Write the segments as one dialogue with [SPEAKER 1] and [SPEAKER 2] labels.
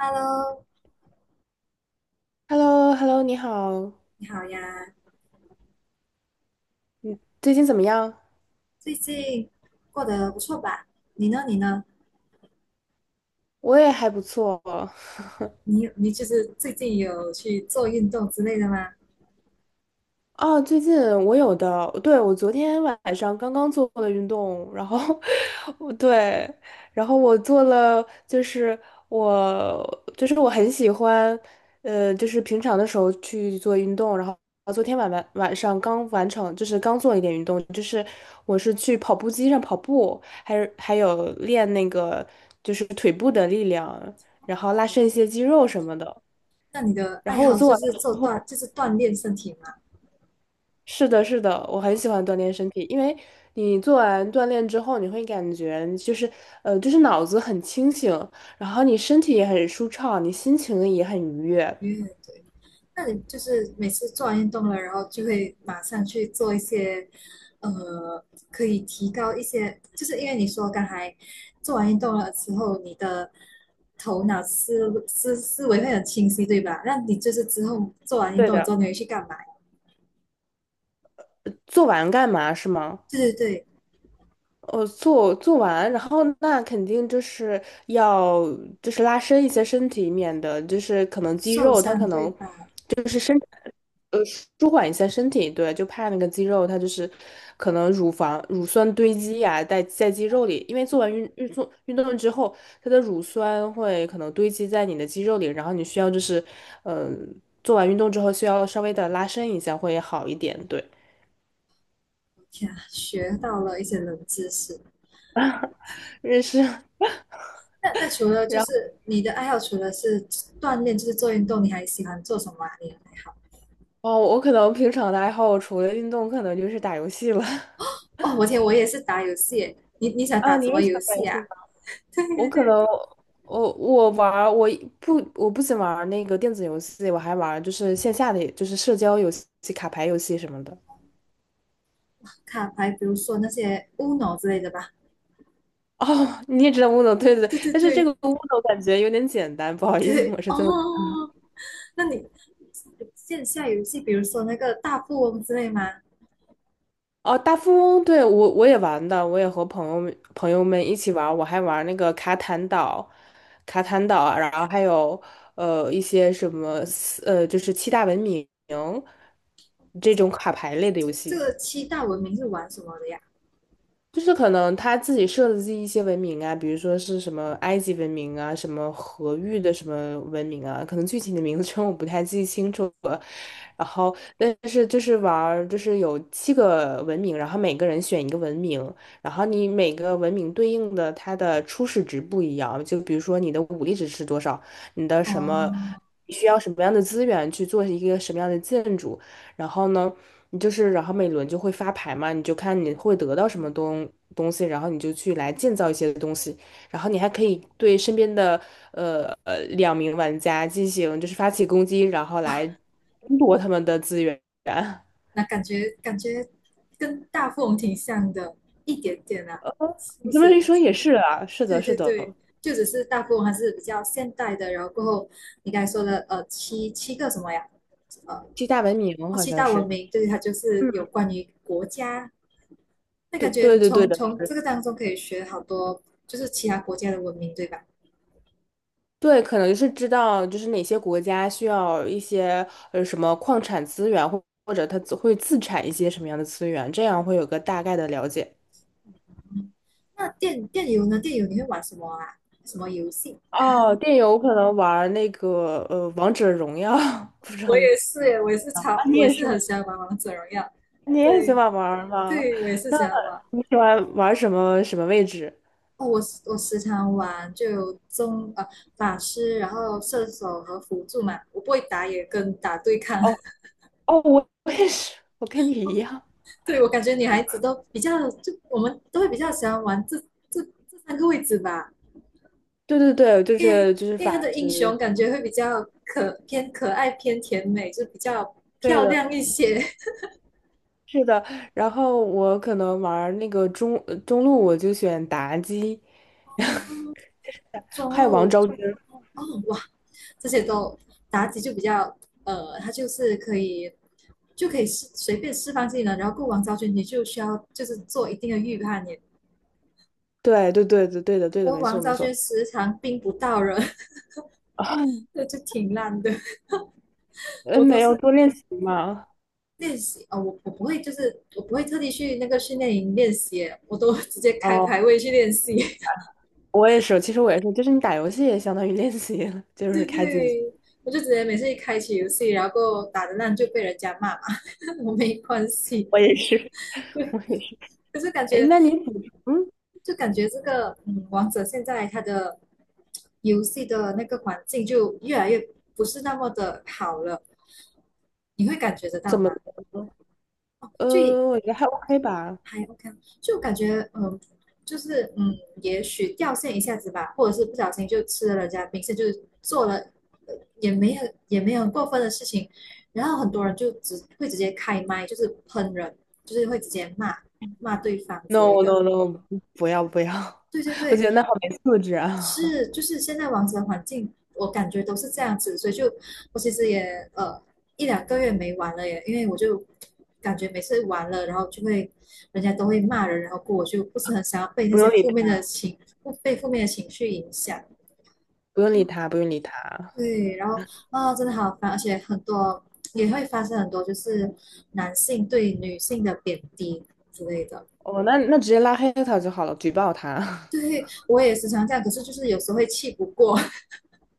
[SPEAKER 1] Hello,
[SPEAKER 2] h e l l o h e l l o 你好，
[SPEAKER 1] 你好呀，
[SPEAKER 2] 你最近怎么样？
[SPEAKER 1] 最近过得不错吧？你呢？你呢？
[SPEAKER 2] 我也还不错。
[SPEAKER 1] 你就是最近有去做运动之类的吗？
[SPEAKER 2] 啊，最近我有的，对，我昨天晚上刚刚做了运动，然后 我对，然后我做了，我就是我很喜欢，就是平常的时候去做运动，然后昨天晚上刚完成，就是刚做了一点运动，就是我是去跑步机上跑步，还有练那个就是腿部的力量，然后拉伸一些肌肉什么的，
[SPEAKER 1] 那你的
[SPEAKER 2] 然
[SPEAKER 1] 爱
[SPEAKER 2] 后我
[SPEAKER 1] 好
[SPEAKER 2] 做
[SPEAKER 1] 就
[SPEAKER 2] 完。
[SPEAKER 1] 是就是锻炼身体嘛？
[SPEAKER 2] 是的，是的，我很喜欢锻炼身体，因为你做完锻炼之后，你会感觉就是，就是脑子很清醒，然后你身体也很舒畅，你心情也很愉悦。
[SPEAKER 1] 因为对，那你就是每次做完运动了，然后就会马上去做一些，呃，可以提高一些，就是因为你说刚才做完运动了之后，你的头脑思维会很清晰，对吧？那你就是之后做完运
[SPEAKER 2] 对
[SPEAKER 1] 动之后，
[SPEAKER 2] 的，
[SPEAKER 1] 你会去干嘛？
[SPEAKER 2] 做完干嘛是吗？
[SPEAKER 1] 对对对，
[SPEAKER 2] 完，然后那肯定就是要就是拉伸一些身体，免得就是可能肌
[SPEAKER 1] 受
[SPEAKER 2] 肉它可
[SPEAKER 1] 伤对
[SPEAKER 2] 能
[SPEAKER 1] 吧？
[SPEAKER 2] 就是呃，舒缓一下身体，对，就怕那个肌肉它就是可能乳酸堆积呀、在肌肉里，因为做完运动之后，它的乳酸会可能堆积在你的肌肉里，然后你需要就是，呃，做完运动之后需要稍微的拉伸一下会好一点，对，
[SPEAKER 1] 我天啊，学到了一些冷知识。
[SPEAKER 2] 认识
[SPEAKER 1] 那除了就是你的爱好，除了是锻炼，就是做运动，你还喜欢做什么啊？你的爱好？
[SPEAKER 2] 哦，我可能平常的爱好除了运动，可能就是打游戏了。
[SPEAKER 1] 哦，我天，我也是打游戏耶。你想
[SPEAKER 2] 啊，
[SPEAKER 1] 打
[SPEAKER 2] 你
[SPEAKER 1] 什么
[SPEAKER 2] 也喜
[SPEAKER 1] 游
[SPEAKER 2] 欢打游
[SPEAKER 1] 戏
[SPEAKER 2] 戏？
[SPEAKER 1] 啊？对
[SPEAKER 2] 我
[SPEAKER 1] 对
[SPEAKER 2] 可
[SPEAKER 1] 对，
[SPEAKER 2] 能我我玩儿我不我不仅玩儿那个电子游戏，我还玩儿就是线下的就是社交游戏、卡牌游戏什么的。
[SPEAKER 1] 卡牌，比如说那些 Uno 之类的吧。
[SPEAKER 2] 哦，你也知道乌诺，对对对，
[SPEAKER 1] 对对
[SPEAKER 2] 但是这个
[SPEAKER 1] 对
[SPEAKER 2] 乌诺感觉有点简单，不好意思，
[SPEAKER 1] 对，
[SPEAKER 2] 我是
[SPEAKER 1] 哦，
[SPEAKER 2] 这么。
[SPEAKER 1] 那你线下游戏，比如说那个大富翁之类吗？
[SPEAKER 2] 哦，大富翁，对，我也玩的，我也和朋友们一起玩儿我还玩儿那个卡坦岛，卡坦岛啊然后还有一些什么就是七大文明这种卡牌类的
[SPEAKER 1] 这
[SPEAKER 2] 游
[SPEAKER 1] 这
[SPEAKER 2] 戏。
[SPEAKER 1] 个七大文明是玩什么的呀？
[SPEAKER 2] 就是可能他自己设的计一些文明啊，比如说是什么埃及文明啊，什么河域的什么文明啊，可能具体的名称 我不太记清楚了。然后，但是就是玩儿就是有七个文明，然后每个人选一个文明，然后你每个文明对应的它的初始值不一样，就比如说你的武力值是多少，你的什么
[SPEAKER 1] 哦，
[SPEAKER 2] 需要什么样的资源去做一个什么样的建筑。然后呢，你就是然后每轮就会发牌嘛，你就看你会得到什么东西，然后你就去来建造一些东西，然后你还可以对身边的两名玩家进行就是发起攻击，然后来争夺他们的资源。
[SPEAKER 1] 那感觉跟大富翁挺像的，一点点啊，是
[SPEAKER 2] 你
[SPEAKER 1] 不
[SPEAKER 2] 这么一
[SPEAKER 1] 是？
[SPEAKER 2] 说也是啊，是的，
[SPEAKER 1] 对
[SPEAKER 2] 是
[SPEAKER 1] 对
[SPEAKER 2] 的，
[SPEAKER 1] 对，就只是大富翁还是比较现代的，然后过后你刚才说的七个什么呀？呃，
[SPEAKER 2] 七大文明
[SPEAKER 1] 哦
[SPEAKER 2] 好
[SPEAKER 1] 七
[SPEAKER 2] 像
[SPEAKER 1] 大文
[SPEAKER 2] 是，
[SPEAKER 1] 明，对，它就是有
[SPEAKER 2] 嗯，
[SPEAKER 1] 关于国家，那
[SPEAKER 2] 对
[SPEAKER 1] 感
[SPEAKER 2] 对
[SPEAKER 1] 觉
[SPEAKER 2] 对对，
[SPEAKER 1] 从
[SPEAKER 2] 的。
[SPEAKER 1] 从这个当中可以学好多，就是其他国家的文明，对吧？
[SPEAKER 2] 对，可能是知道就是哪些国家需要一些什么矿产资源，或者它自会自产一些什么样的资源，这样会有个大概的了解。
[SPEAKER 1] 那电游呢？电游你会玩什么啊？什么游戏？
[SPEAKER 2] 哦，电游可能玩儿那个《王者荣耀》，不知
[SPEAKER 1] 我
[SPEAKER 2] 道你。
[SPEAKER 1] 也是耶，我也是
[SPEAKER 2] 啊，
[SPEAKER 1] 超，
[SPEAKER 2] 你
[SPEAKER 1] 我也
[SPEAKER 2] 也
[SPEAKER 1] 是
[SPEAKER 2] 是吗？
[SPEAKER 1] 很喜欢玩王者荣耀。
[SPEAKER 2] 你也喜
[SPEAKER 1] 对，
[SPEAKER 2] 欢玩儿吗？
[SPEAKER 1] 对，我也是
[SPEAKER 2] 那
[SPEAKER 1] 喜欢玩。
[SPEAKER 2] 你喜欢玩儿什么什么位置？
[SPEAKER 1] 哦，我时常玩，就有中，法师，然后射手和辅助嘛。我不会打野跟打对抗，
[SPEAKER 2] 哦哦，我也是，我跟你一 样。
[SPEAKER 1] 对我感觉女孩子都比较，就我们都会比较喜欢玩这这三个位置吧，
[SPEAKER 2] 对对对，
[SPEAKER 1] 因为
[SPEAKER 2] 就是
[SPEAKER 1] 因为
[SPEAKER 2] 法
[SPEAKER 1] 他的英
[SPEAKER 2] 师。
[SPEAKER 1] 雄感觉会比较可爱偏甜美，就比较
[SPEAKER 2] 对
[SPEAKER 1] 漂
[SPEAKER 2] 的，
[SPEAKER 1] 亮一些。
[SPEAKER 2] 是的，然后我可能玩儿那个中路，我就选妲己，
[SPEAKER 1] 中
[SPEAKER 2] 还有王
[SPEAKER 1] 路
[SPEAKER 2] 昭君。
[SPEAKER 1] 哦哇，这些都妲己就比较她就是可以就可以随便释放技能。然后过王昭君，你就需要就是做一定的预判耶。
[SPEAKER 2] 对对对对对的对的，
[SPEAKER 1] 我
[SPEAKER 2] 没
[SPEAKER 1] 王
[SPEAKER 2] 错没
[SPEAKER 1] 昭君
[SPEAKER 2] 错。
[SPEAKER 1] 时常冰不到人，
[SPEAKER 2] 啊，
[SPEAKER 1] 那就挺烂的。我都
[SPEAKER 2] 没有
[SPEAKER 1] 是
[SPEAKER 2] 多练习嘛。
[SPEAKER 1] 练习啊，我不会特地去那个训练营练习，我都直接开
[SPEAKER 2] 哦，
[SPEAKER 1] 排位去练习。
[SPEAKER 2] 我也是，其实我也是，就是你打游戏也相当于练习了就是
[SPEAKER 1] 对对
[SPEAKER 2] 开机。
[SPEAKER 1] 对，我就直接每次一开启游戏，然后打的烂就被人家骂嘛，我没关系。
[SPEAKER 2] 我也是，我也是。
[SPEAKER 1] 可是感
[SPEAKER 2] 哎，
[SPEAKER 1] 觉
[SPEAKER 2] 那你补充
[SPEAKER 1] 就感觉这个王者现在它的游戏的那个环境就越来越不是那么的好了，你会感觉得
[SPEAKER 2] 怎
[SPEAKER 1] 到
[SPEAKER 2] 么
[SPEAKER 1] 吗？
[SPEAKER 2] 呢？
[SPEAKER 1] 哦，就也
[SPEAKER 2] 我觉得还 OK 吧。
[SPEAKER 1] 还 OK,啊就感觉就是也许掉线一下子吧，或者是不小心就吃了人家冰，是就是做了呃也没有很过分的事情，然后很多人就直接开麦，就是喷人，就是会直接骂对方之类
[SPEAKER 2] No
[SPEAKER 1] 的。
[SPEAKER 2] no no，不要不要，
[SPEAKER 1] 对对
[SPEAKER 2] 我觉
[SPEAKER 1] 对，
[SPEAKER 2] 得那好没素质啊！
[SPEAKER 1] 是，就是现在网球环境，我感觉都是这样子，所以就我其实也呃一两个月没玩了耶，因为我就感觉每次玩了，然后就会人家都会骂人，然后过我就不是很想要被 那
[SPEAKER 2] 不
[SPEAKER 1] 些
[SPEAKER 2] 用理
[SPEAKER 1] 负面的
[SPEAKER 2] 他，
[SPEAKER 1] 情不被负面的情绪影响。
[SPEAKER 2] 不用理他，不用理他。
[SPEAKER 1] 对，然后啊、真的好烦，而且很多也会发生很多就是男性对女性的贬低之类的。
[SPEAKER 2] 哦，那直接拉黑他就好了，举报他。
[SPEAKER 1] 对，我也时常这样，可是就是有时候会气不过。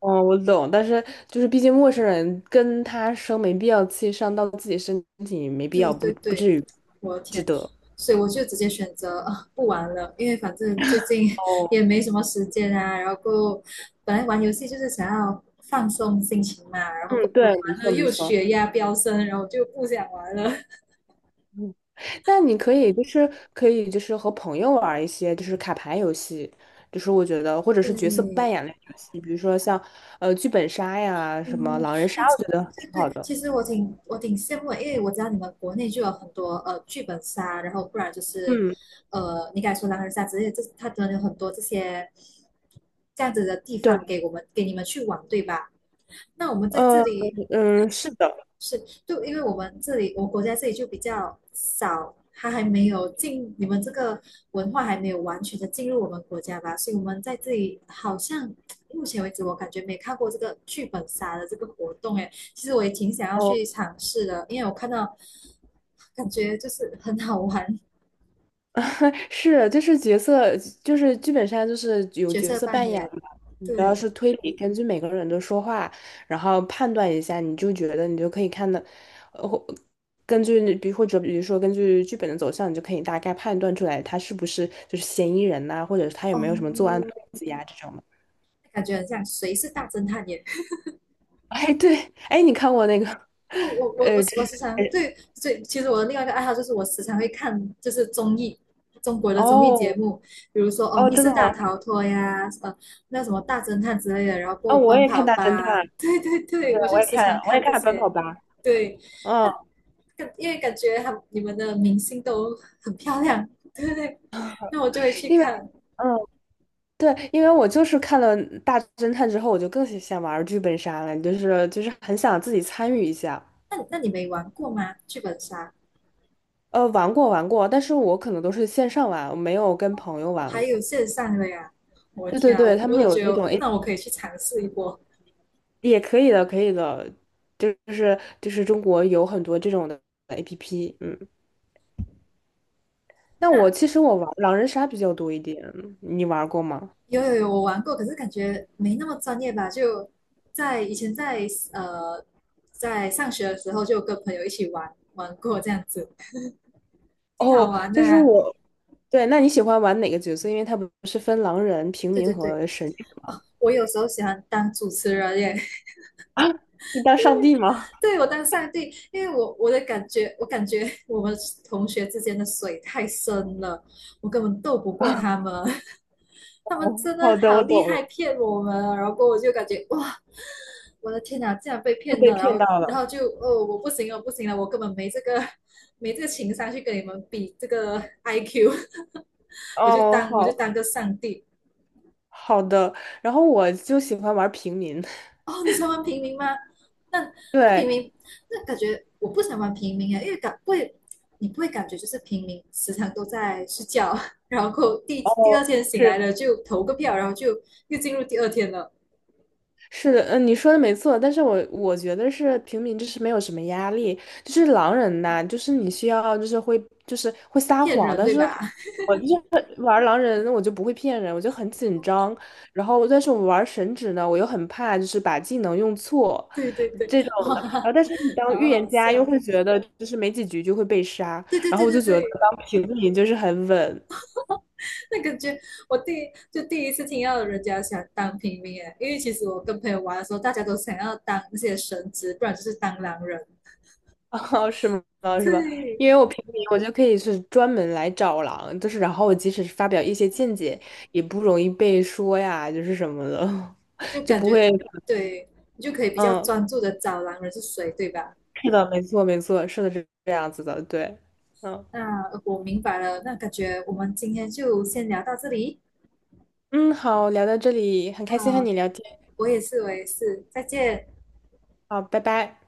[SPEAKER 2] 哦，我懂，但是就是毕竟陌生人跟他生没必要气，伤到自己身体没必要，
[SPEAKER 1] 对对
[SPEAKER 2] 不
[SPEAKER 1] 对。
[SPEAKER 2] 至于，
[SPEAKER 1] 我的
[SPEAKER 2] 值
[SPEAKER 1] 天！
[SPEAKER 2] 得。
[SPEAKER 1] 所以我就直接选择、啊不玩了，因为反正最近
[SPEAKER 2] 哦，
[SPEAKER 1] 也没什么时间啊。然后本来玩游戏就是想要放松心情嘛，然后
[SPEAKER 2] 嗯，对，没
[SPEAKER 1] 玩了
[SPEAKER 2] 错没
[SPEAKER 1] 又
[SPEAKER 2] 错。
[SPEAKER 1] 血压飙升，然后就不想玩了。
[SPEAKER 2] 嗯，那你可以就是可以就是和朋友玩儿一些就是卡牌游戏，就是我觉得或者是角色扮
[SPEAKER 1] 对，
[SPEAKER 2] 演类游戏，比如说像剧本杀呀，什么
[SPEAKER 1] 嗯，
[SPEAKER 2] 狼人杀，
[SPEAKER 1] 哎，
[SPEAKER 2] 我觉得挺
[SPEAKER 1] 对
[SPEAKER 2] 好
[SPEAKER 1] 对，
[SPEAKER 2] 的。
[SPEAKER 1] 其实我挺羡慕的因为我知道你们国内就有很多剧本杀，然后不然就是
[SPEAKER 2] 嗯，
[SPEAKER 1] 你敢说狼人杀之类的，这它真的有很多这些这样子的地方
[SPEAKER 2] 对，
[SPEAKER 1] 给我们给你们去玩，对吧？那我们在这
[SPEAKER 2] 呃
[SPEAKER 1] 里
[SPEAKER 2] 嗯，是的。
[SPEAKER 1] 是，就因为我们这里，我国家这里就比较少，它还没有进，你们这个文化还没有完全的进入我们国家吧，所以我们在这里好像目前为止，我感觉没看过这个剧本杀的这个活动，哎，其实我也挺想要
[SPEAKER 2] 哦。
[SPEAKER 1] 去尝试的，因为我看到感觉就是很好玩，
[SPEAKER 2] 是，就是角色，就是剧本上就是有
[SPEAKER 1] 角
[SPEAKER 2] 角
[SPEAKER 1] 色
[SPEAKER 2] 色
[SPEAKER 1] 扮
[SPEAKER 2] 扮演
[SPEAKER 1] 演，
[SPEAKER 2] 嘛。你主要
[SPEAKER 1] 对，
[SPEAKER 2] 是推理，根据每个人的说话，然后判断一下，你就觉得你就可以看的，呃，或根据比或者比如说根据剧本的走向，你就可以大概判断出来他是不是就是嫌疑人呐、或者是他有没有什么作案动
[SPEAKER 1] 哦，
[SPEAKER 2] 机呀、这种的。
[SPEAKER 1] 感觉很像谁是大侦探也
[SPEAKER 2] 哎，对，哎，你看过那个？
[SPEAKER 1] 我时常
[SPEAKER 2] 哎，
[SPEAKER 1] 对，所以其实我的另外一个爱好就是我时常会看就是综艺，中国的综艺节
[SPEAKER 2] 哦
[SPEAKER 1] 目，比如说哦
[SPEAKER 2] 哦，
[SPEAKER 1] 《密
[SPEAKER 2] 真的
[SPEAKER 1] 室
[SPEAKER 2] 吗？
[SPEAKER 1] 大逃脱》呀，那什么大侦探之类的，然后过
[SPEAKER 2] 哦，
[SPEAKER 1] 后
[SPEAKER 2] 我
[SPEAKER 1] 奔
[SPEAKER 2] 也看
[SPEAKER 1] 跑
[SPEAKER 2] 大侦
[SPEAKER 1] 吧，
[SPEAKER 2] 探，
[SPEAKER 1] 对 对，
[SPEAKER 2] 对，
[SPEAKER 1] 我
[SPEAKER 2] 我
[SPEAKER 1] 就
[SPEAKER 2] 也
[SPEAKER 1] 时
[SPEAKER 2] 看，
[SPEAKER 1] 常
[SPEAKER 2] 我也
[SPEAKER 1] 看这
[SPEAKER 2] 看奔
[SPEAKER 1] 些。
[SPEAKER 2] 跑吧。
[SPEAKER 1] 对，那
[SPEAKER 2] 嗯，
[SPEAKER 1] 因为感觉他你们的明星都很漂亮，对对对，那我就会去
[SPEAKER 2] 因为。
[SPEAKER 1] 看。
[SPEAKER 2] 嗯。对，因为我就是看了《大侦探》之后，我就更想玩剧本杀了，就是很想自己参与一下。
[SPEAKER 1] 那你没玩过吗？剧本杀
[SPEAKER 2] 玩过玩过，但是我可能都是线上玩，我没有跟朋友玩
[SPEAKER 1] 还有
[SPEAKER 2] 过。
[SPEAKER 1] 线上的呀？我的
[SPEAKER 2] 对对
[SPEAKER 1] 天啊，
[SPEAKER 2] 对，
[SPEAKER 1] 我
[SPEAKER 2] 他
[SPEAKER 1] 我
[SPEAKER 2] 们
[SPEAKER 1] 都
[SPEAKER 2] 有
[SPEAKER 1] 觉
[SPEAKER 2] 那种
[SPEAKER 1] 得
[SPEAKER 2] 诶
[SPEAKER 1] 那我可以去尝试一波。
[SPEAKER 2] 也可以的，可以的，就是中国有很多这种的 APP。嗯，那
[SPEAKER 1] 那
[SPEAKER 2] 我其实我玩狼人杀比较多一点，你玩过吗？
[SPEAKER 1] 有有有，我玩过，可是感觉没那么专业吧？就在以前在呃在上学的时候，就跟朋友一起玩玩过这样子，挺好
[SPEAKER 2] 哦，
[SPEAKER 1] 玩的
[SPEAKER 2] 就是
[SPEAKER 1] 啊。
[SPEAKER 2] 我，对，那你喜欢玩哪个角色？因为它不是分狼人、平
[SPEAKER 1] 对
[SPEAKER 2] 民
[SPEAKER 1] 对对，
[SPEAKER 2] 和神，
[SPEAKER 1] 哦，我有时候喜欢当主持人耶，
[SPEAKER 2] 你当上帝吗？
[SPEAKER 1] 对我当上帝，因为我的感觉，我感觉我们同学之间的水太深了，我根本斗不过他们，他们
[SPEAKER 2] 哦
[SPEAKER 1] 真
[SPEAKER 2] 好
[SPEAKER 1] 的
[SPEAKER 2] 的，我
[SPEAKER 1] 好厉
[SPEAKER 2] 懂
[SPEAKER 1] 害，
[SPEAKER 2] 了，
[SPEAKER 1] 骗我们啊，然后我就感觉哇。我的天哪，竟然被
[SPEAKER 2] 又
[SPEAKER 1] 骗
[SPEAKER 2] 被
[SPEAKER 1] 了，然
[SPEAKER 2] 骗到
[SPEAKER 1] 后然后
[SPEAKER 2] 了。
[SPEAKER 1] 就哦，我不行了，不行了，我根本没这个情商去跟你们比这个 IQ,我就
[SPEAKER 2] 哦，
[SPEAKER 1] 当我就
[SPEAKER 2] 好
[SPEAKER 1] 当个上帝
[SPEAKER 2] 好的。然后我就喜欢玩平民，
[SPEAKER 1] 哦，你喜欢玩平民吗？那 那平
[SPEAKER 2] 对，
[SPEAKER 1] 民，那感觉我不想玩平民啊，因为不会，你不会感觉就是平民时常都在睡觉，然后第第
[SPEAKER 2] 哦，
[SPEAKER 1] 二天醒来
[SPEAKER 2] 是
[SPEAKER 1] 了就投个票，然后就又进入第二天了，
[SPEAKER 2] 是的，嗯，你说的没错，但是我觉得是平民就是没有什么压力，就是狼人呐、就是你需要就是会撒
[SPEAKER 1] 骗
[SPEAKER 2] 谎，
[SPEAKER 1] 人
[SPEAKER 2] 但
[SPEAKER 1] 对
[SPEAKER 2] 是
[SPEAKER 1] 吧？
[SPEAKER 2] 我就是玩狼人，我就不会骗人，我就很紧 张，然后但是我玩神职呢，我又很怕就是把技能用错
[SPEAKER 1] 对对对，
[SPEAKER 2] 这种的，然后
[SPEAKER 1] 哇，
[SPEAKER 2] 但是你当
[SPEAKER 1] 好
[SPEAKER 2] 预言
[SPEAKER 1] 好
[SPEAKER 2] 家又
[SPEAKER 1] 笑，
[SPEAKER 2] 会觉得就是没几局就会被杀，
[SPEAKER 1] 对对
[SPEAKER 2] 然后
[SPEAKER 1] 对
[SPEAKER 2] 我就
[SPEAKER 1] 对
[SPEAKER 2] 觉得
[SPEAKER 1] 对。
[SPEAKER 2] 当平民就是很稳。
[SPEAKER 1] 那感觉我第一次听到人家想当平民哎，因为其实我跟朋友玩的时候，大家都想要当那些神职，不然就是当狼人。
[SPEAKER 2] 哦，是吗？哦是吧？
[SPEAKER 1] 对，
[SPEAKER 2] 因为我平民，我就可以是专门来找狼，就是然后我即使是发表一些见解，也不容易被说呀，就是什么的，
[SPEAKER 1] 那 就
[SPEAKER 2] 就
[SPEAKER 1] 感
[SPEAKER 2] 不
[SPEAKER 1] 觉
[SPEAKER 2] 会。
[SPEAKER 1] 对你就可以比较
[SPEAKER 2] 嗯，
[SPEAKER 1] 专注的找狼人是谁，对吧？
[SPEAKER 2] 是的，没错，没错，是的，是这样子的，对，嗯
[SPEAKER 1] 那我明白了，那感觉我们今天就先聊到这里。
[SPEAKER 2] 嗯，好，聊到这里，很开心和
[SPEAKER 1] 好，
[SPEAKER 2] 你聊天。
[SPEAKER 1] 我也是，我也是，再见。
[SPEAKER 2] 好，拜拜。